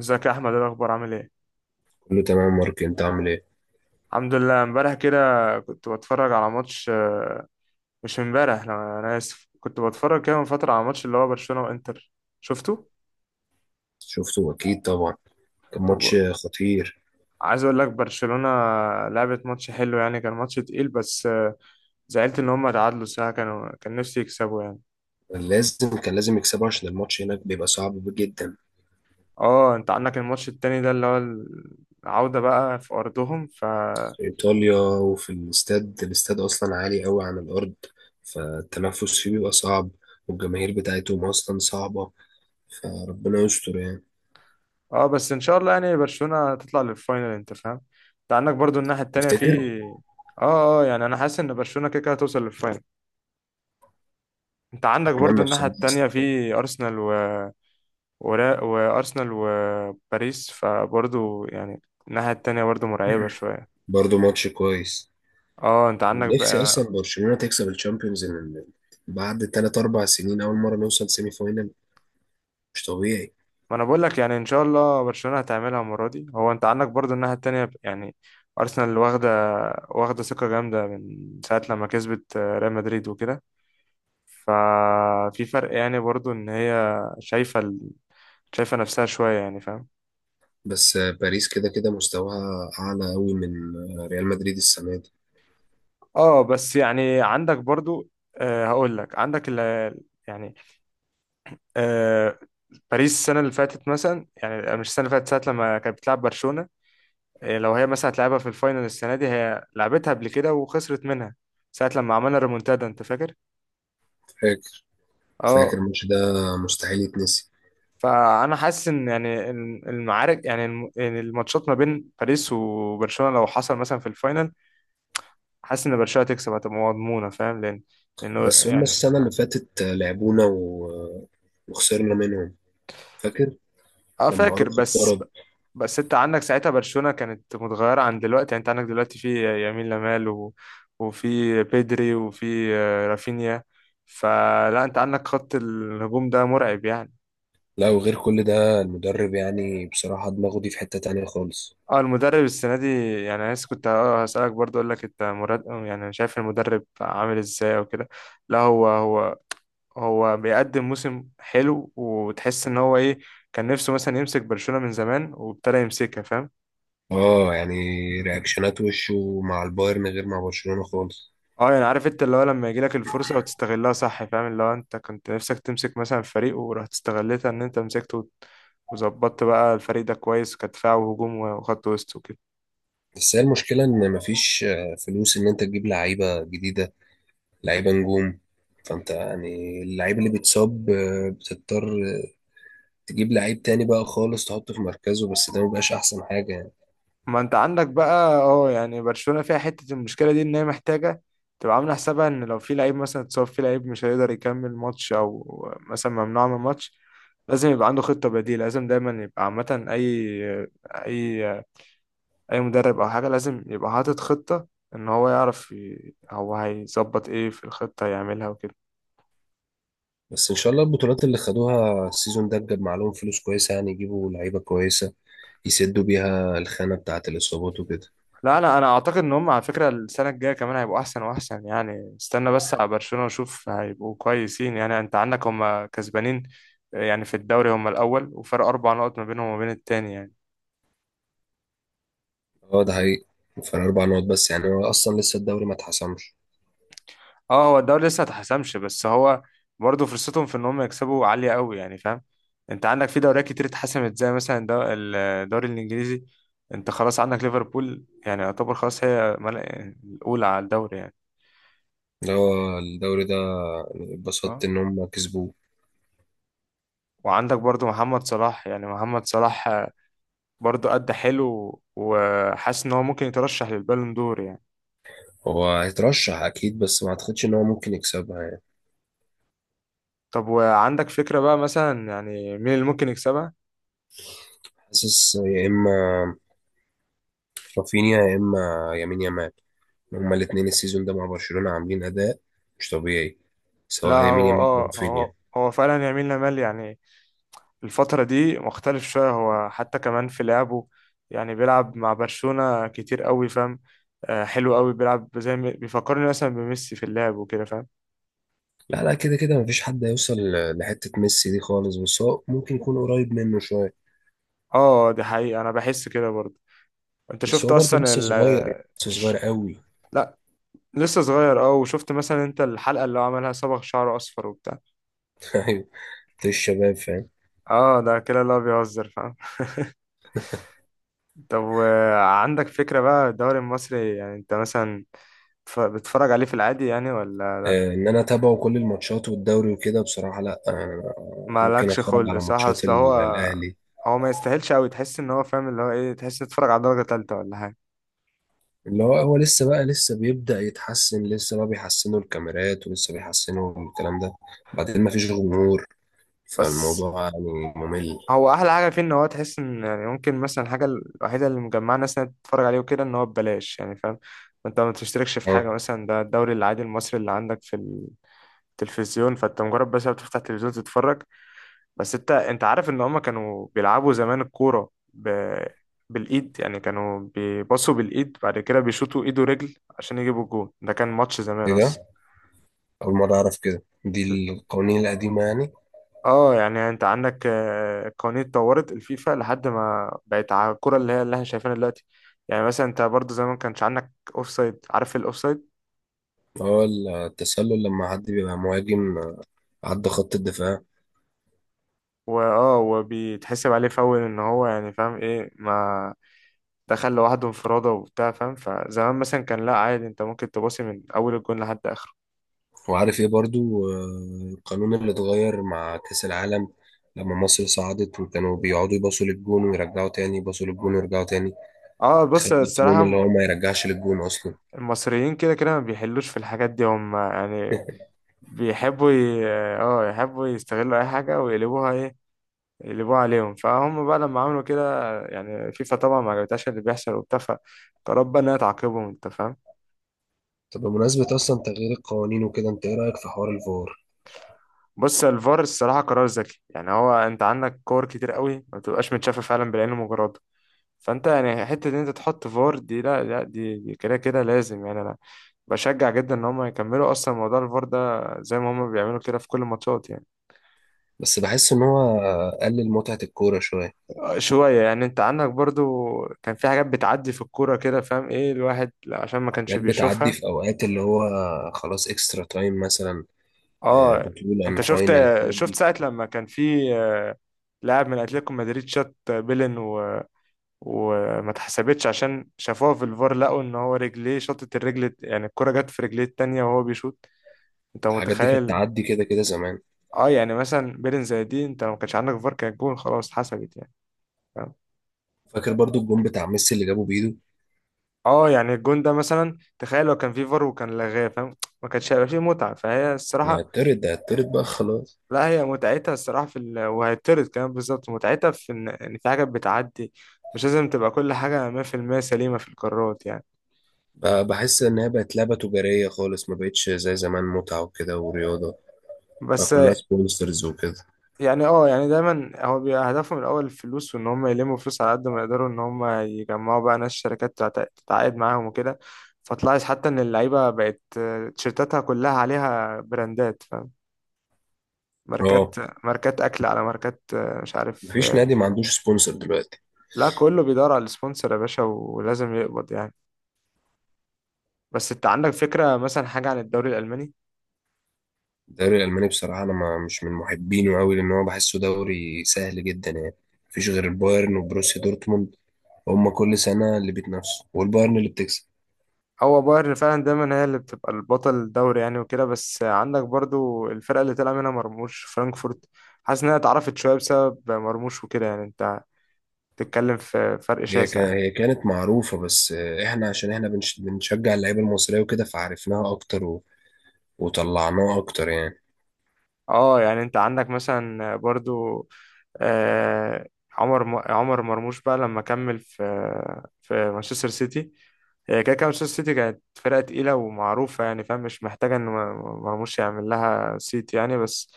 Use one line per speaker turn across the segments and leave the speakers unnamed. ازيك يا احمد، ايه الاخبار؟ عامل ايه؟
كله تمام يا مارك، انت عامل ايه؟
الحمد لله. امبارح كده كنت بتفرج على ماتش مش امبارح. لا، انا اسف، كنت بتفرج كده من فتره على ماتش اللي هو برشلونه وانتر. شفته؟
شفته اكيد طبعا. كان ماتش
طب،
خطير.
عايز اقول لك، برشلونه لعبت ماتش حلو، يعني كان ماتش تقيل، بس زعلت ان هم تعادلوا ساعه كان نفسي يكسبوا يعني.
كان لازم يكسبه عشان الماتش هناك بيبقى صعب جدا.
اه، انت عندك الماتش التاني ده اللي هو العوده بقى في ارضهم.
في ايطاليا، وفي الاستاد اصلا عالي قوي عن الارض، فالتنفس فيه بيبقى صعب، والجماهير بتاعتهم اصلا صعبة، فربنا يستر يعني.
اه، بس ان شاء الله يعني برشلونة تطلع للفاينل، انت فاهم؟ انت عندك برضو الناحية التانية في
تفتكر؟
اه يعني انا حاسس ان برشلونة كده كده هتوصل للفاينل. انت عندك برضو
اتمنى
الناحية
بصراحة.
التانية في وارسنال وباريس، فبرضو يعني الناحية التانية برضو مرعبة شوية.
برضه ماتش كويس.
اه، انت عندك
نفسي
بقى.
اصلا برشلونة تكسب الشامبيونز، لأن بعد 3 4 سنين اول مرة نوصل سيمي فاينل، مش طبيعي.
ما انا بقول لك يعني ان شاء الله برشلونة هتعملها المرة دي. هو انت عندك برضو الناحية التانية، يعني ارسنال واخدة ثقة جامدة من ساعة لما كسبت ريال مدريد وكده. ففي فرق، يعني برضو ان هي شايفة شايفة نفسها شوية، يعني فاهم؟
بس باريس كده كده مستواها أعلى أوي من ريال مدريد السنة دي.
اه، بس يعني عندك برضو، هقول لك عندك ال... يعني آه باريس السنة اللي فاتت، مثلا، يعني مش السنة اللي فاتت، ساعة لما كانت بتلعب برشلونة. لو هي مثلا هتلعبها في الفاينل السنة دي، هي لعبتها قبل كده وخسرت منها ساعة لما عملنا ريمونتادا، انت فاكر؟
فاكر. فاكر
اه.
الماتش ده، مستحيل يتنسي.
فانا حاسس ان يعني المعارك، يعني يعني الماتشات ما بين باريس وبرشلونة، لو حصل مثلا في الفاينل، حاسس ان برشلونه تكسب هتبقى مضمونه، فاهم؟ لانه
بس هما
يعني.
السنة اللي فاتت لعبونا وخسرنا منهم، فاكر،
اه،
لما
فاكر.
أروخو
بس
اتطرد.
بس انت عندك ساعتها برشلونه كانت متغيره عن دلوقتي، يعني انت عندك دلوقتي في يمين لامال وفي بيدري وفي رافينيا، فلا، انت عندك خط الهجوم ده مرعب يعني.
لا، وغير كل ده المدرب يعني بصراحة دماغه دي في حتة تانية خالص.
اه، المدرب السنه دي، يعني انا لسه كنت هسالك برضه، اقول لك انت مراد، يعني شايف المدرب عامل ازاي او كده؟ لا، هو بيقدم موسم حلو، وتحس ان هو ايه، كان نفسه مثلا يمسك برشلونة من زمان وابتدى يمسكها، فاهم؟
اه يعني رياكشنات وشه مع البايرن غير مع برشلونة خالص.
اه، يعني عارف انت اللي هو لما يجي لك الفرصة وتستغلها، صح فاهم؟ اللي هو انت كنت نفسك تمسك مثلا فريق، ورحت استغلتها ان انت مسكته وظبطت بقى الفريق ده كويس، كدفاع وهجوم وخط وسط وكده.
بس هي المشكلة إن مفيش فلوس إن أنت تجيب لعيبة جديدة، لعيبه نجوم. فانت يعني اللعيب اللي بيتصاب بتضطر تجيب لعيب تاني بقى خالص، تحطه في مركزه، بس ده مبقاش احسن حاجه يعني.
ما انت عندك بقى، يعني برشلونة فيها حتة المشكلة دي، ان هي محتاجة تبقى عاملة حسابها ان لو في لعيب مثلا اتصاب، في لعيب مش هيقدر يكمل ماتش، او مثلا ممنوع من الماتش، لازم يبقى عنده خطة بديلة. لازم دايما يبقى عامة، اي اي مدرب او حاجة لازم يبقى حاطط خطة ان هو يعرف هو هيظبط ايه في الخطة يعملها وكده.
بس ان شاء الله البطولات اللي خدوها السيزون ده جاب معاهم فلوس كويسه، يعني يجيبوا لعيبه كويسه يسدوا بيها الخانه بتاعه الاصابات وكده.
لا، لا، انا اعتقد ان هم، على فكره، السنه الجايه كمان هيبقوا احسن واحسن. يعني استنى بس على برشلونه وشوف، هيبقوا كويسين يعني. انت عندك هم كسبانين يعني في الدوري، هم الاول وفرق 4 نقط ما بينهم وما بين التاني يعني.
اه ده حقيقي. فرق اربع نقط بس، يعني هو اصلا لسه الدوري ما اتحسمش.
اه، هو الدوري لسه ما اتحسمش، بس هو برضه فرصتهم في ان هم يكسبوا عاليه قوي، يعني فاهم؟ انت عندك في دوريات كتير اتحسمت، زي مثلا الدوري الانجليزي، انت خلاص عندك ليفربول يعني يعتبر خلاص، هي الاولى على الدوري يعني.
اللي هو الدوري ده
اه،
اتبسطت ان هم كسبوه.
وعندك برضو محمد صلاح، يعني محمد صلاح برضه أدى حلو، وحاسس إن هو ممكن يترشح للبالون دور يعني.
هو هيترشح اكيد، بس ما اعتقدش ان هو ممكن يكسبها يعني.
طب، وعندك فكرة بقى مثلا، يعني، مين اللي ممكن يكسبها؟
حاسس يا اما رافينيا، يا اما يمين يامال. هما الاثنين السيزون ده مع برشلونة عاملين اداء مش طبيعي،
لا
سواء يمين
هو
يامال او
اه هو
رافينيا.
هو فعلا يمين لامال، يعني الفترة دي مختلف شوية، هو حتى كمان في لعبه، يعني بيلعب مع برشلونة كتير قوي، فاهم؟ حلو قوي بيلعب، زي بيفكرني مثلا بميسي في اللعب وكده، فاهم؟
لا لا، كده كده مفيش حد هيوصل لحتة ميسي دي خالص، بس هو ممكن يكون قريب منه شوية.
اه، دي حقيقة، أنا بحس كده برضه. أنت
بس
شفت
هو برضه
أصلا
لسه صغير يعني، لسه صغير
ش-
قوي.
لا، لسه صغير، اه، وشفت مثلا انت الحلقة اللي هو عملها صبغ شعره اصفر وبتاع.
ايوه، في الشباب فاهم.
اه، ده كده اللي هو بيهزر، فاهم؟ طب، وعندك فكرة بقى الدوري المصري؟ يعني انت مثلا بتتفرج عليه في العادي يعني، ولا
آه ان انا اتابعه كل الماتشات والدوري وكده، بصراحة لا، آه ممكن
مالكش
اتفرج
خلق؟
على
صح،
ماتشات
اصل هو
الاهلي.
هو ما يستاهلش قوي، تحس ان هو، فاهم اللي هو ايه، تحس إن تتفرج على درجة تالتة ولا حاجة.
اللي هو هو لسه بقى لسه بيبدأ يتحسن، لسه بقى بيحسنوا الكاميرات ولسه بيحسنوا الكلام ده، بعدين ما فيش جمهور،
بس
فالموضوع يعني ممل.
هو احلى حاجة فيه ان هو تحس ان، يعني ممكن مثلا الحاجة الوحيدة اللي مجمعة ناس انها تتفرج عليه وكده، ان هو ببلاش، يعني فاهم؟ انت ما تشتركش في
اه،
حاجة مثلا، ده الدوري العادي المصري اللي عندك في التلفزيون، فانت مجرد بس بتفتح التلفزيون تتفرج. بس انت عارف ان هما كانوا بيلعبوا زمان الكورة بالايد، يعني كانوا بيباصوا بالايد، بعد كده بيشوطوا ايد ورجل عشان يجيبوا الجون، ده كان ماتش زمان
ايه
اصلا.
ده؟ أول مرة أعرف كده، دي القوانين القديمة يعني.
اه، يعني انت عندك القوانين اتطورت، الفيفا لحد ما بقت على الكرة اللي هي اللي احنا شايفينها دلوقتي. يعني مثلا انت برضو زمان كانش عندك اوفسايد، عارف الاوفسايد
هو التسلل لما حد بيبقى مهاجم عدى خط الدفاع.
وبيتحسب عليه فاول، ان هو، يعني فاهم ايه، ما دخل لوحده انفرادة وبتاع، فاهم؟ فزمان مثلا كان لا، عادي، انت ممكن تباصي من اول الجون لحد اخره.
وعارف ايه برضو القانون اللي اتغير مع كأس العالم، لما مصر صعدت وكانوا بيقعدوا يباصوا للجون ويرجعوا تاني، يباصوا للجون ويرجعوا تاني.
اه، بص
خد القانون اللي
الصراحة،
هو ما يرجعش للجون أصلا.
المصريين كده كده ما بيحلوش في الحاجات دي هم، يعني بيحبوا ي... اه يحبوا يستغلوا أي حاجة ويقلبوها ايه، يقلبوها عليهم، فهم بقى لما عملوا كده، يعني فيفا طبعا ما عجبتهاش اللي بيحصل وبتاع، فقررت بقى إنها تعاقبهم، أنت فاهم؟
طب بمناسبة أصلا تغيير القوانين وكده، أنت إيه رأيك في حوار الفار؟
بص، الفار الصراحة قرار ذكي، يعني هو أنت عندك كور كتير قوي ما بتبقاش متشافة فعلا بالعين المجرد، فانت يعني حته ان انت تحط فار دي، لا، لا، دي كده كده لازم، يعني انا بشجع جدا ان هم يكملوا اصلا موضوع الفار ده زي ما هم بيعملوا كده في كل الماتشات يعني.
بس بحس إن هو قلل متعة الكورة شوية.
شويه يعني، انت عندك برضو كان في حاجات بتعدي في الكوره كده، فاهم ايه الواحد، لا، عشان ما كانش
حاجات بتعدي
بيشوفها.
في أوقات اللي هو خلاص، إكسترا تايم مثلا،
اه،
بطولة عن
انت شفت،
فاينل، الحاجات دي.
ساعه لما كان في لاعب من اتلتيكو مدريد شاط بيلن وما اتحسبتش عشان شافوها في الفار، لقوا ان هو رجليه، شاطت الرجل يعني الكرة جت في رجليه التانية وهو بيشوط، انت
الحاجات دي كانت
متخيل؟
تعدي كده كده زمان.
اه، يعني مثلا بيرن زي دي، انت لو ما كانش عندك فار، كان الجون خلاص اتحسبت يعني، فاهم؟
فاكر برضو الجون بتاع ميسي اللي جابه بإيده؟
اه يعني الجون ده مثلا، تخيل لو كان في فار وكان لغاه، فاهم؟ ما كانش هيبقى فيه متعة، فهي
يعني
الصراحة.
هتطرد ده، هتطرد بقى خلاص.
لا، هي متعتها الصراحة في وهيتطرد كمان بالظبط، متعتها في ان إن في حاجات بتعدي، مش لازم تبقى كل حاجة 100% سليمة في القرارات يعني.
بقى بحس إن هي بقت لعبة تجارية خالص، ما بقتش زي زمان متعة وكده ورياضة. بقى
بس،
كلها سبونسرز وكده.
يعني يعني دايما هو بيبقى هدفهم الاول الفلوس، وان هم يلموا فلوس على قد ما يقدروا، ان هم يجمعوا بقى ناس، شركات تتعاقد معاهم وكده. فتلاحظ حتى ان اللعيبه بقت تيشيرتاتها كلها عليها براندات، فاهم؟
اه.
ماركات، ماركات اكل على ماركات، مش عارف.
مفيش نادي ما عندوش سبونسر دلوقتي.
لا، كله بيدور على السبونسر يا باشا، ولازم يقبض يعني. بس انت عندك فكره مثلا حاجه عن الدوري الالماني؟
الدوري الألماني بصراحة أنا ما مش من محبينه أوي، لأن هو بحسه دوري سهل جدا يعني، مفيش غير البايرن وبروسيا دورتموند، هما كل سنة اللي بيتنافسوا والبايرن اللي بتكسب.
هو بايرن فعلا دايما هي اللي بتبقى البطل الدوري يعني وكده، بس عندك برضو الفرقة اللي طلع منها مرموش، فرانكفورت، حاسس انها اتعرفت شوية بسبب مرموش وكده، يعني انت بتتكلم في فرق شاسع.
هي كانت معروفة، بس إحنا عشان إحنا بنشجع اللعيبة المصرية وكده، فعرفناها أكتر وطلعناها أكتر يعني.
اه، يعني انت عندك مثلا برضو آه، عمر مرموش بقى لما كمل في مانشستر سيتي. هي كده كده مانشستر سيتي كانت فرقة تقيلة ومعروفة، يعني فاهم، مش محتاجة إن مرموش يعمل لها سيت يعني. بس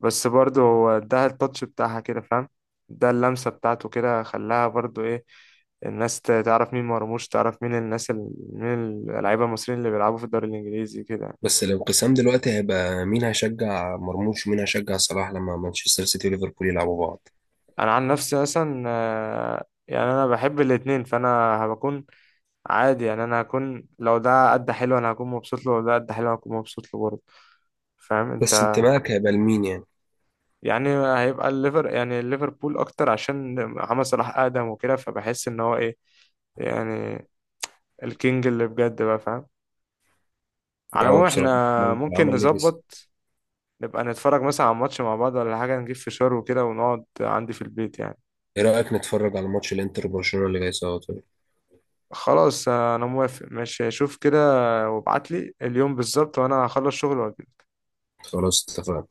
برضه هو اداها التاتش بتاعها كده، فاهم؟ ده اللمسة بتاعته كده خلاها برضه إيه، الناس تعرف مين مرموش، تعرف مين الناس مين اللعيبة المصريين اللي بيلعبوا في الدوري الإنجليزي كده يعني.
بس الانقسام دلوقتي هيبقى مين هيشجع مرموش ومين هيشجع صلاح لما مانشستر سيتي وليفربول يلعبوا بعض.
انا عن نفسي مثلا، يعني انا بحب الاتنين، فانا هبكون عادي، يعني انا هكون، لو ده قد حلو انا هكون مبسوط له، ولو ده قد حلو انا هكون مبسوط له برضه، فاهم
بس
انت؟
انتمائك هيبقى لمين يعني؟
يعني هيبقى الليفر يعني ليفربول اكتر عشان محمد صلاح اقدم وكده، فبحس ان هو ايه، يعني الكينج اللي بجد بقى، فاهم؟ على
هو
العموم
بصراحة
احنا
عمل
ممكن
عمل ليجاسي.
نظبط نبقى نتفرج مثلا على ماتش مع بعض ولا حاجة، نجيب فشار وكده ونقعد عندي في البيت يعني.
ايه رأيك نتفرج على ماتش الانتر وبرشلونة اللي جاي سوا؟ طيب.
خلاص، انا موافق، ماشي، شوف كده وابعت لي اليوم بالظبط وانا هخلص شغل.
خلاص اتفقنا.